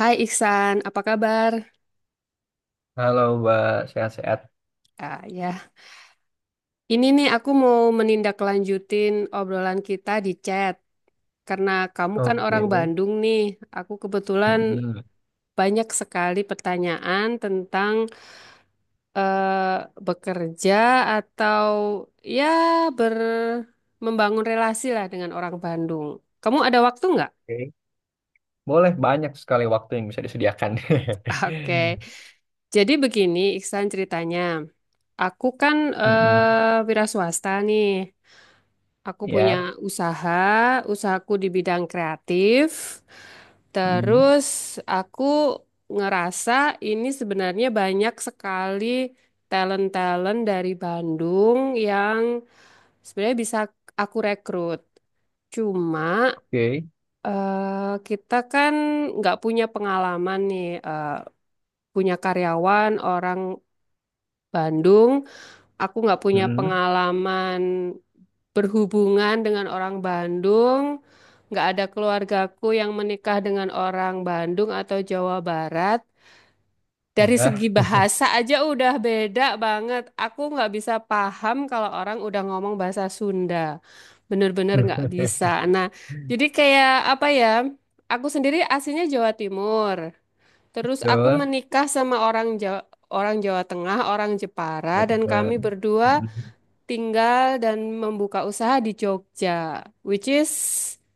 Hai Iksan, apa kabar? Halo Mbak, sehat-sehat. Ah, ya, ini nih aku mau menindaklanjutin obrolan kita di chat. Karena kamu kan Oke. orang Bandung nih, aku kebetulan Mm-mm. banyak sekali pertanyaan tentang eh, bekerja atau ya ber membangun relasi lah dengan orang Bandung. Kamu ada waktu nggak? Oke. Boleh banyak sekali waktu yang bisa disediakan. Oke, jadi begini Iksan ceritanya. Aku kan Mm-mm. Wira swasta nih. Aku punya Ya. usaha, usahaku di bidang kreatif. Mm. Terus aku ngerasa ini sebenarnya banyak sekali talent-talent dari Bandung yang sebenarnya bisa aku rekrut. Cuma Oke. Kita kan nggak punya pengalaman nih, punya karyawan orang Bandung. Aku nggak punya Mm. pengalaman berhubungan dengan orang Bandung. Nggak ada keluargaku yang menikah dengan orang Bandung atau Jawa Barat. Dari Ya. segi bahasa aja udah beda banget. Aku nggak bisa paham kalau orang udah ngomong bahasa Sunda. Bener-bener nggak bisa. Nah, jadi kayak apa ya? Aku sendiri aslinya Jawa Timur. Terus aku Betul. menikah sama orang Jawa Tengah, orang Jepara, dan Betul. kami berdua tinggal dan membuka usaha di Jogja, which is,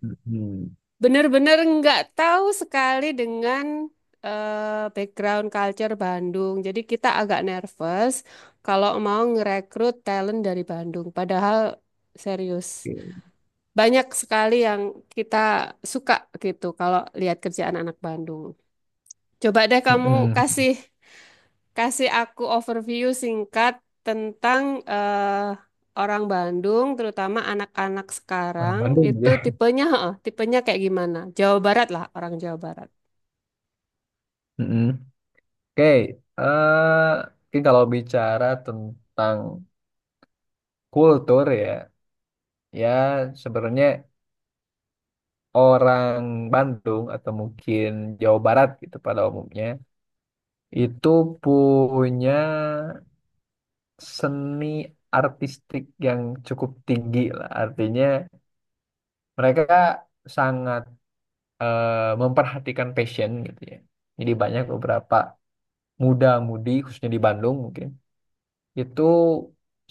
Mm-mm. bener-bener nggak tahu sekali dengan background culture Bandung. Jadi kita agak nervous kalau mau ngerekrut talent dari Bandung. Padahal serius, Oke. banyak sekali yang kita suka gitu kalau lihat kerjaan anak Bandung. Coba deh kamu Mm-mm. kasih Kasih aku overview singkat tentang eh, orang Bandung, terutama anak-anak Orang sekarang, Bandung itu ya. tipenya, heeh, tipenya kayak gimana? Jawa Barat lah, orang Jawa Barat. Mm-mm. Oke. eh, Mungkin kalau bicara tentang kultur ya, ya sebenarnya. Orang Bandung atau mungkin Jawa Barat gitu pada umumnya itu punya seni artistik yang cukup tinggi lah. Artinya mereka sangat memperhatikan passion gitu ya. Jadi banyak beberapa muda-mudi khususnya di Bandung mungkin itu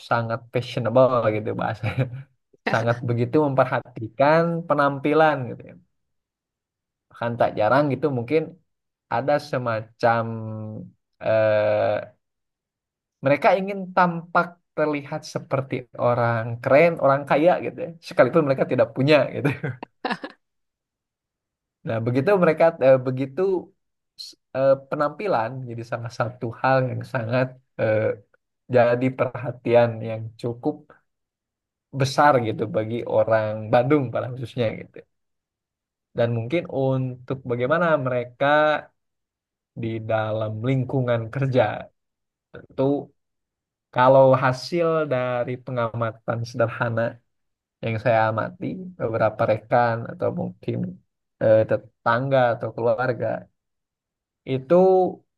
sangat fashionable gitu bahasanya. Sangat begitu memperhatikan penampilan gitu ya. Bahkan tak jarang gitu mungkin ada semacam eh, mereka ingin tampak terlihat seperti orang keren, orang kaya gitu ya. Sekalipun mereka tidak punya gitu. Nah, begitu mereka penampilan jadi salah satu hal yang sangat eh, jadi perhatian yang cukup besar gitu bagi orang Bandung pada khususnya gitu. Dan mungkin untuk bagaimana mereka di dalam lingkungan kerja itu. Kalau hasil dari pengamatan sederhana yang saya amati, beberapa rekan atau mungkin tetangga atau keluarga, itu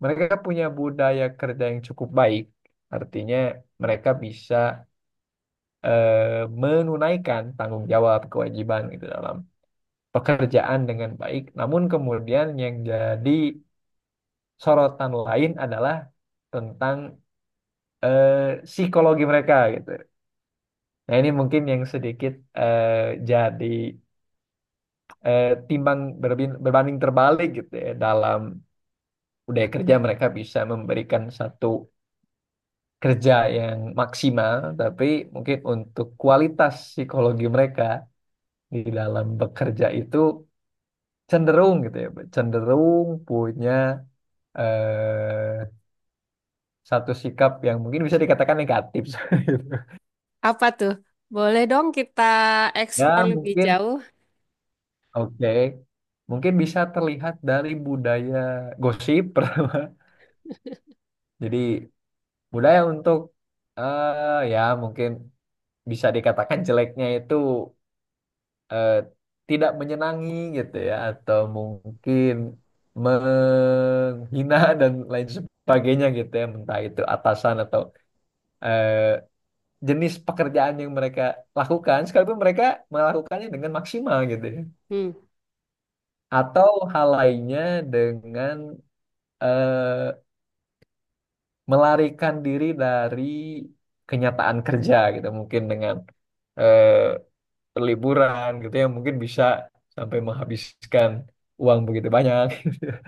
mereka punya budaya kerja yang cukup baik. Artinya mereka bisa menunaikan tanggung jawab kewajiban itu dalam pekerjaan dengan baik. Namun kemudian yang jadi sorotan lain adalah tentang psikologi mereka gitu. Nah, ini mungkin yang sedikit eh, jadi timbang berbanding terbalik gitu ya. Dalam budaya kerja mereka bisa memberikan satu kerja yang maksimal, tapi mungkin untuk kualitas psikologi mereka di dalam bekerja itu cenderung gitu ya, cenderung punya eh, satu sikap yang mungkin bisa dikatakan negatif. gitu. Apa tuh? Boleh dong kita eksplor Ya, lebih mungkin jauh? oke. Mungkin bisa terlihat dari budaya gosip pertama. Jadi budaya untuk ya mungkin bisa dikatakan jeleknya itu eh, tidak menyenangi gitu ya, atau mungkin menghina dan lain sebagainya gitu ya, entah itu atasan atau eh, jenis pekerjaan yang mereka lakukan sekalipun mereka melakukannya dengan maksimal gitu ya, Hmm. atau hal lainnya dengan eh, melarikan diri dari kenyataan kerja gitu mungkin dengan eh, perliburan gitu yang mungkin bisa sampai menghabiskan uang begitu banyak.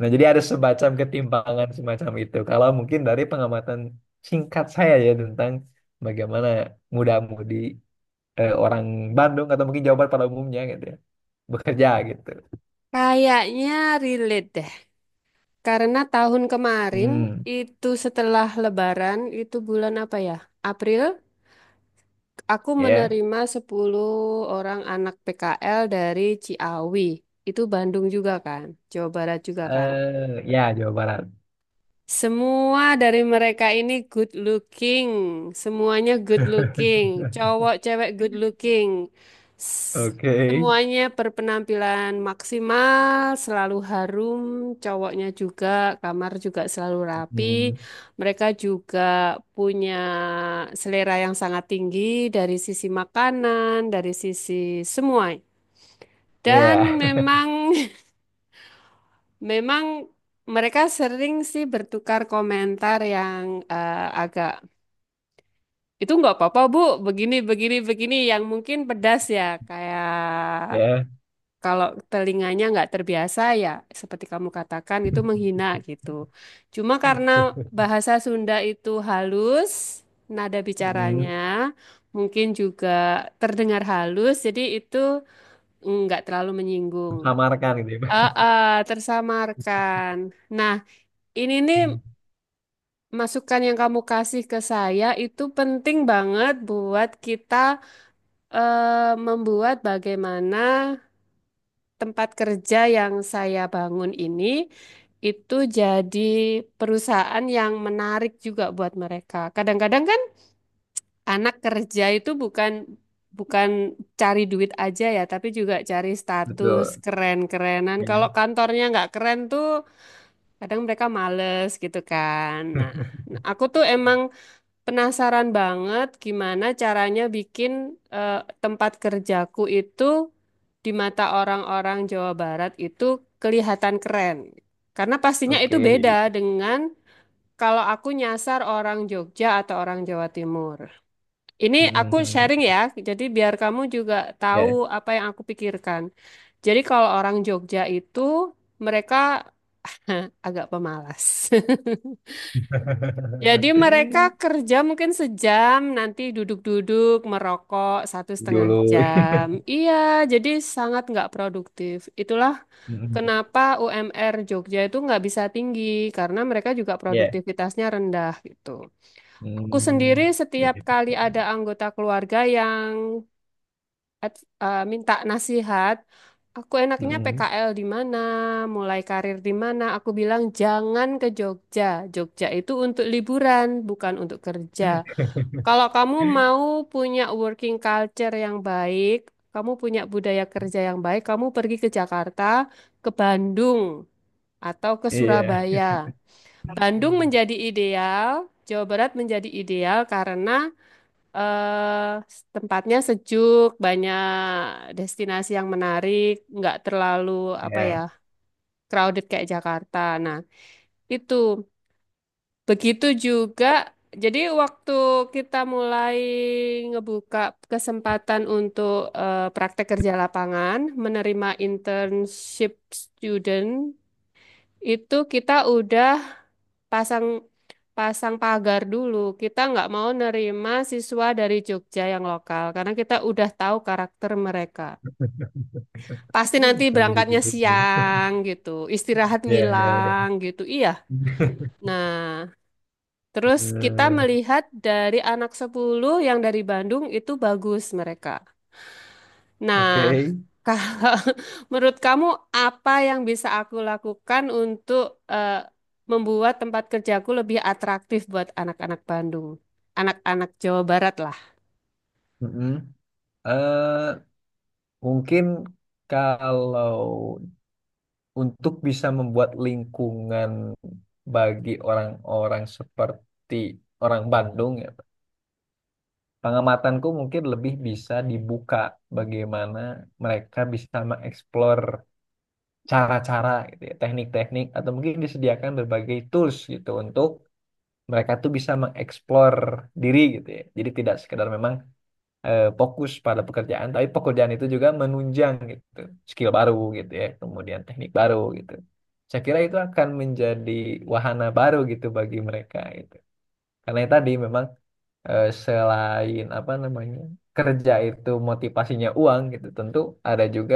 Nah, jadi ada semacam ketimpangan semacam itu. Kalau mungkin dari pengamatan singkat saya ya, tentang bagaimana muda-mudi orang Bandung atau mungkin Jawa Barat pada umumnya gitu ya, bekerja gitu. Kayaknya relate deh. Karena tahun kemarin Hmm, itu setelah Lebaran, itu bulan apa ya? April? Aku ya. menerima 10 orang anak PKL dari Ciawi. Itu Bandung juga kan? Jawa Barat juga kan? Eh, ya Jawa Barat. Semua dari mereka ini good looking. Semuanya good looking. Cowok, cewek good looking. S- Oke. Semuanya berpenampilan maksimal, selalu harum. Cowoknya juga, kamar juga selalu rapi. Hmm, Mereka juga punya selera yang sangat tinggi dari sisi makanan, dari sisi semua. Dan ya, memang Memang mereka sering sih bertukar komentar yang agak itu nggak apa-apa Bu, begini begini begini yang mungkin pedas ya kayak ya. kalau telinganya nggak terbiasa ya seperti kamu katakan itu menghina gitu. Cuma karena bahasa Sunda itu halus, nada Hmm, bicaranya mungkin juga terdengar halus, jadi itu nggak terlalu menyinggung. Samarkan gitu ya. Ah, ah, tersamarkan. Nah, ini nih Hmm, masukan yang kamu kasih ke saya itu penting banget buat kita membuat bagaimana tempat kerja yang saya bangun ini itu jadi perusahaan yang menarik juga buat mereka. Kadang-kadang kan anak kerja itu bukan bukan cari duit aja ya, tapi juga cari status betul. keren-kerenan. Kalau Ya. kantornya nggak keren tuh kadang mereka males gitu kan. Nah, Nah, aku tuh emang penasaran banget gimana caranya bikin eh, tempat kerjaku itu di mata orang-orang Jawa Barat itu kelihatan keren. Karena pastinya itu Oke. beda dengan kalau aku nyasar orang Jogja atau orang Jawa Timur. Ini aku Mhm. sharing ya, jadi biar kamu juga tahu Ya. apa yang aku pikirkan. Jadi kalau orang Jogja itu mereka agak pemalas. Jadi mereka kerja mungkin sejam, nanti duduk-duduk, merokok 1,5 Dulu. jam. Iya, jadi sangat nggak produktif. Itulah Mhm. kenapa UMR Jogja itu nggak bisa tinggi, karena mereka juga Ya. produktivitasnya rendah gitu. Aku sendiri Hmm. Ya. setiap kali ada anggota keluarga yang minta nasihat. Aku enaknya Mhm. PKL di mana, mulai karir di mana. Aku bilang jangan ke Jogja. Jogja itu untuk liburan, bukan untuk kerja. Kalau kamu mau punya working culture yang baik, kamu punya budaya kerja yang baik, kamu pergi ke Jakarta, ke Bandung, atau ke Iya. Surabaya. Bandung menjadi ideal, Jawa Barat menjadi ideal karena eh tempatnya sejuk, banyak destinasi yang menarik, nggak terlalu apa ya Ya. crowded kayak Jakarta. Nah, itu begitu juga. Jadi waktu kita mulai ngebuka kesempatan untuk praktek kerja lapangan, menerima internship student, itu kita udah pasang pasang pagar dulu. Kita nggak mau nerima siswa dari Jogja yang lokal karena kita udah tahu karakter mereka. Pasti nanti Sampai berangkatnya segitu. siang gitu, istirahat Ya, ya, ya. ngilang gitu. Iya. Nah, terus kita Eh, melihat dari anak 10 yang dari Bandung itu bagus mereka. Nah, Oke. kalau menurut kamu apa yang bisa aku lakukan untuk eh, membuat tempat kerjaku lebih atraktif buat anak-anak Bandung, anak-anak Jawa Barat lah. Mhm. Eh, Mungkin kalau untuk bisa membuat lingkungan bagi orang-orang seperti orang Bandung ya, pengamatanku mungkin lebih bisa dibuka bagaimana mereka bisa mengeksplor cara-cara gitu ya, teknik-teknik atau mungkin disediakan berbagai tools gitu untuk mereka tuh bisa mengeksplor diri gitu ya. Jadi tidak sekedar memang fokus pada pekerjaan, tapi pekerjaan itu juga menunjang gitu, skill baru gitu ya, kemudian teknik baru gitu. Saya kira itu akan menjadi wahana baru gitu bagi mereka gitu. Karena tadi memang selain apa namanya kerja itu motivasinya uang gitu tentu ada juga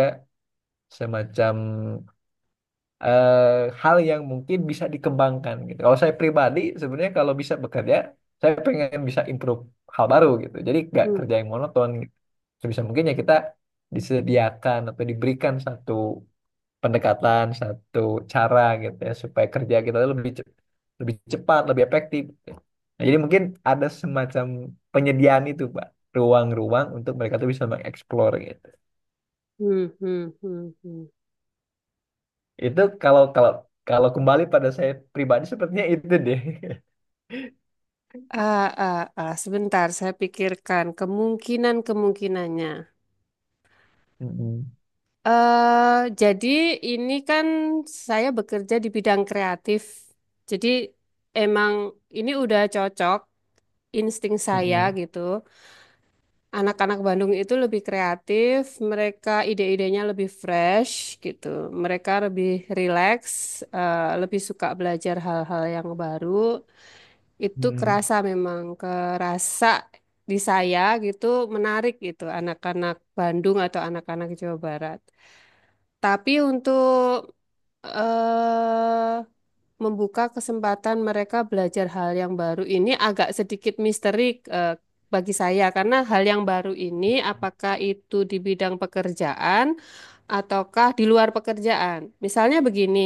semacam hal yang mungkin bisa dikembangkan gitu. Kalau saya pribadi sebenarnya kalau bisa bekerja saya pengen bisa improve hal baru gitu. Jadi nggak Hmm, kerja yang monoton gitu. Sebisa mungkin ya kita disediakan atau diberikan satu pendekatan, satu cara gitu ya, supaya kerja kita tuh lebih lebih cepat, lebih efektif. Nah, jadi mungkin ada semacam penyediaan itu, Pak, ruang-ruang untuk mereka tuh bisa mengeksplor gitu. hmm, hmm, hmm, hmm. Itu kalau kalau kalau kembali pada saya pribadi sepertinya itu deh. Ah, ah, ah, sebentar, saya pikirkan kemungkinan-kemungkinannya. Mm-mm. eh jadi ini kan saya bekerja di bidang kreatif. Jadi emang ini udah cocok insting saya Mm-mm. gitu. Anak-anak Bandung itu lebih kreatif, mereka ide-idenya lebih fresh gitu. Mereka lebih relax, lebih suka belajar hal-hal yang baru. Itu Mm. kerasa memang, kerasa di saya gitu menarik gitu anak-anak Bandung atau anak-anak Jawa Barat. Tapi untuk eh membuka kesempatan mereka belajar hal yang baru ini agak sedikit misteri bagi saya karena hal yang baru ini apakah itu di bidang pekerjaan ataukah di luar pekerjaan. Misalnya begini,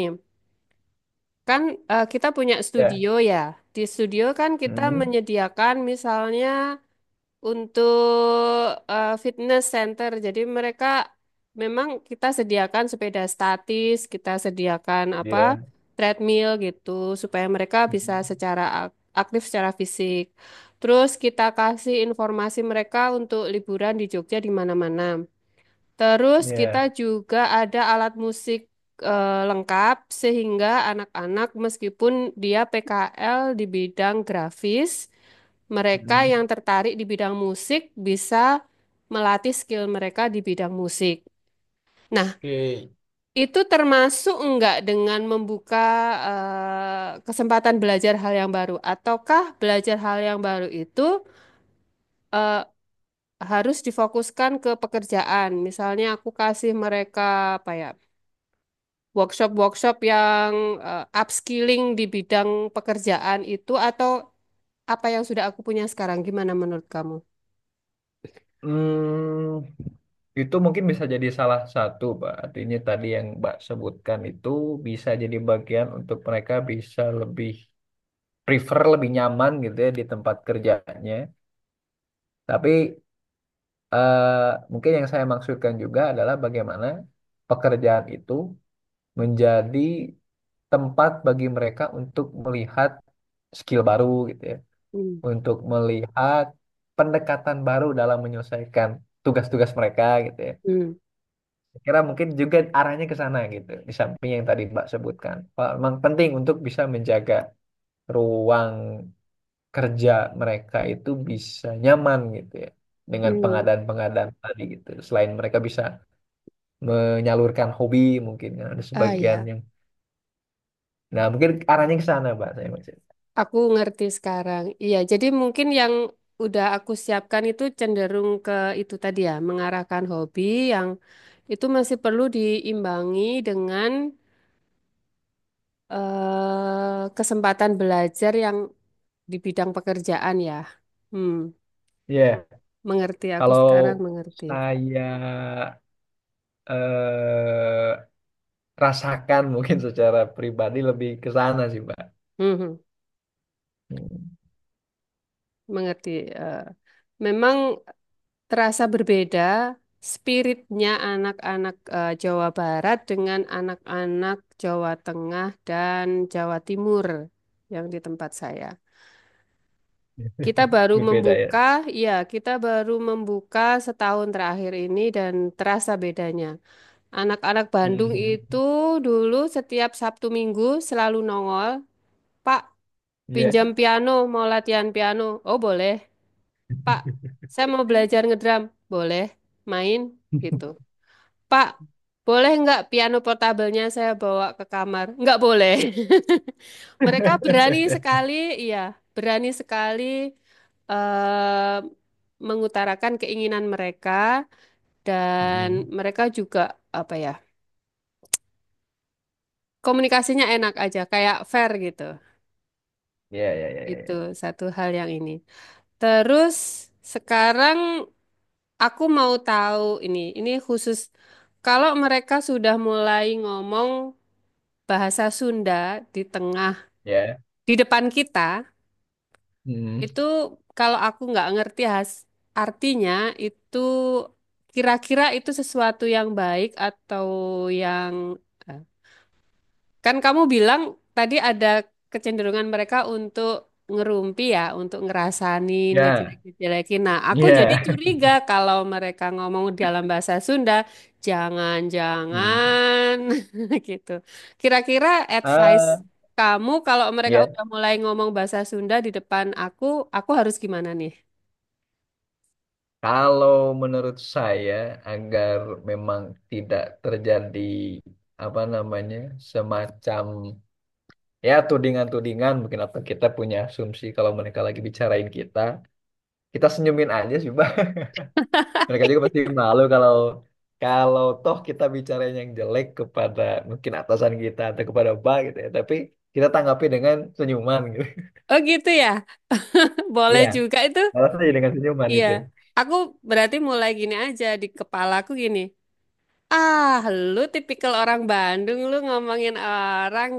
kan kita punya Ya. studio ya. Di studio kan kita Mm. menyediakan misalnya untuk fitness center. Jadi mereka memang kita sediakan sepeda statis, kita sediakan apa Ya. treadmill gitu supaya mereka bisa Mm. secara ak- aktif secara fisik. Terus kita kasih informasi mereka untuk liburan di Jogja di mana-mana. Terus kita Ya. juga ada alat musik lengkap sehingga anak-anak meskipun dia PKL di bidang grafis, mereka Mm. yang tertarik di bidang musik bisa melatih skill mereka di bidang musik. Nah, Oke. itu termasuk enggak dengan membuka kesempatan belajar hal yang baru, ataukah belajar hal yang baru itu eh, harus difokuskan ke pekerjaan? Misalnya aku kasih mereka apa ya? Workshop-workshop yang upskilling di bidang pekerjaan itu atau apa yang sudah aku punya sekarang? Gimana menurut kamu? Hmm, Itu mungkin bisa jadi salah satu, Pak. Artinya tadi yang Mbak sebutkan itu bisa jadi bagian untuk mereka bisa lebih prefer, lebih nyaman gitu ya di tempat kerjanya. Tapi mungkin yang saya maksudkan juga adalah bagaimana pekerjaan itu menjadi tempat bagi mereka untuk melihat skill baru gitu ya, Hmm, untuk melihat pendekatan baru dalam menyelesaikan tugas-tugas mereka gitu ya. hmm, Kira mungkin juga arahnya ke sana gitu, di samping yang tadi Mbak sebutkan. Wah, memang penting untuk bisa menjaga ruang kerja mereka itu bisa nyaman gitu ya, dengan hmm. pengadaan-pengadaan tadi gitu, selain mereka bisa menyalurkan hobi mungkin ya, ada Ah sebagian ya, yang nah mungkin arahnya ke sana Mbak saya maksud. aku ngerti sekarang. Iya, jadi mungkin yang udah aku siapkan itu cenderung ke itu tadi ya, mengarahkan hobi yang itu masih perlu diimbangi dengan kesempatan belajar yang di bidang pekerjaan ya. Hmm, Ya mengerti aku kalau sekarang mengerti. saya eh, rasakan mungkin secara pribadi lebih ke sana sih Mbak. Mhm. Hmm, Mengerti. eh, Memang terasa berbeda spiritnya anak-anak Jawa Barat dengan anak-anak Jawa Tengah dan Jawa Timur yang di tempat saya. Kita baru Lebih beda ya. membuka, ya, kita baru membuka setahun terakhir ini dan terasa bedanya. Anak-anak Bandung Mhm. itu dulu setiap Sabtu Minggu selalu nongol, Pak, Ya. pinjam piano, mau latihan piano. Oh, boleh. Pak, saya mau belajar ngedrum. Boleh main gitu. Pak, boleh nggak piano portabelnya saya bawa ke kamar? Nggak boleh. Mereka berani sekali, iya, berani sekali eh, mengutarakan keinginan mereka dan Hmm. mereka juga apa ya, komunikasinya enak aja, kayak fair gitu. Ya, ya, ya, ya. Itu Ya. satu hal yang ini. Terus sekarang aku mau tahu ini, khusus kalau mereka sudah mulai ngomong bahasa Sunda di tengah, Ya. di depan kita, Hmm. itu kalau aku nggak ngerti has, artinya itu kira-kira itu sesuatu yang baik atau yang eh, kan kamu bilang tadi ada kecenderungan mereka untuk ngerumpi ya, untuk ngerasanin, Ya. ngejelek-jelekin. Nah, aku jadi Ya. curiga kalau mereka ngomong dalam bahasa Sunda, Hmm. jangan-jangan gitu. Kira-kira advice Ah, kamu kalau mereka ya. udah mulai ngomong bahasa Sunda di depan aku harus gimana nih? Kalau menurut saya agar memang tidak terjadi apa namanya semacam ya tudingan-tudingan mungkin, atau kita punya asumsi kalau mereka lagi bicarain kita, kita senyumin aja sih, Bang. Mereka juga pasti malu kalau kalau toh kita bicara yang jelek kepada mungkin atasan kita atau kepada Pak gitu ya, tapi kita tanggapi dengan senyuman gitu. Oh gitu ya, boleh Iya, juga itu. balas aja dengan senyuman Iya, itu. aku berarti mulai gini aja di kepalaku gini. Ah, lu tipikal orang Bandung, lu ngomongin orang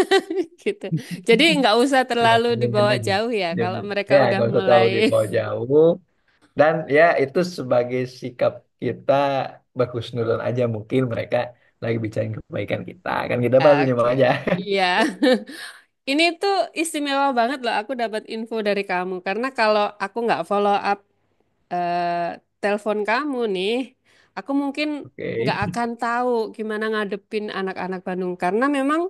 gitu. Jadi nggak usah Iya, terlalu senyumin dibawa aja. jauh ya kalau Senyumin. Ya, mereka udah nggak usah terlalu mulai. dibawa jauh. Dan ya itu sebagai sikap kita, berhusnuzon aja mungkin mereka lagi bicarain kebaikan kita. Kan kita bahas senyum Oke, aja. iya. Ini tuh istimewa banget loh aku dapat info dari kamu karena kalau aku nggak follow up eh telepon kamu nih, aku mungkin nggak Oke. akan tahu gimana ngadepin anak-anak Bandung karena memang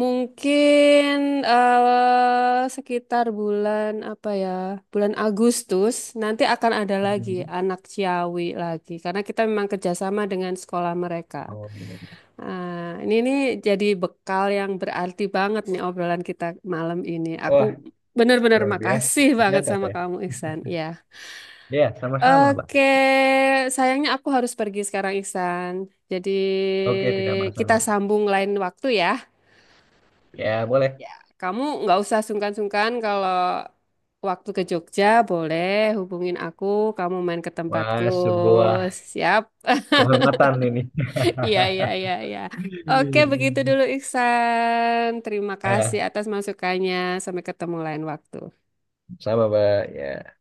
mungkin sekitar bulan apa ya, bulan Agustus nanti akan ada lagi Mhm. anak Ciawi lagi karena kita memang kerjasama dengan sekolah mereka. Oh. Nah, ini nih jadi bekal yang berarti banget nih obrolan kita malam ini. Aku Wah, benar-benar luar biasa. makasih banget Nyangka sama saya. kamu, Ihsan. Ya. Ya sama-sama, Pak. Oke, sayangnya aku harus pergi sekarang, Iksan. Jadi Oke, tidak kita masalah, Mas. sambung lain waktu ya. Ya, boleh. Ya, kamu nggak usah sungkan-sungkan kalau waktu ke Jogja boleh hubungin aku. Kamu main ke tempatku. Wah, sebuah Siap? kehormatan ini. Iya, iya, iya, iya. Oke, begitu dulu, Iksan. Terima kasih Eh, atas masukannya. Sampai ketemu lain waktu. sama, Mbak. Ya.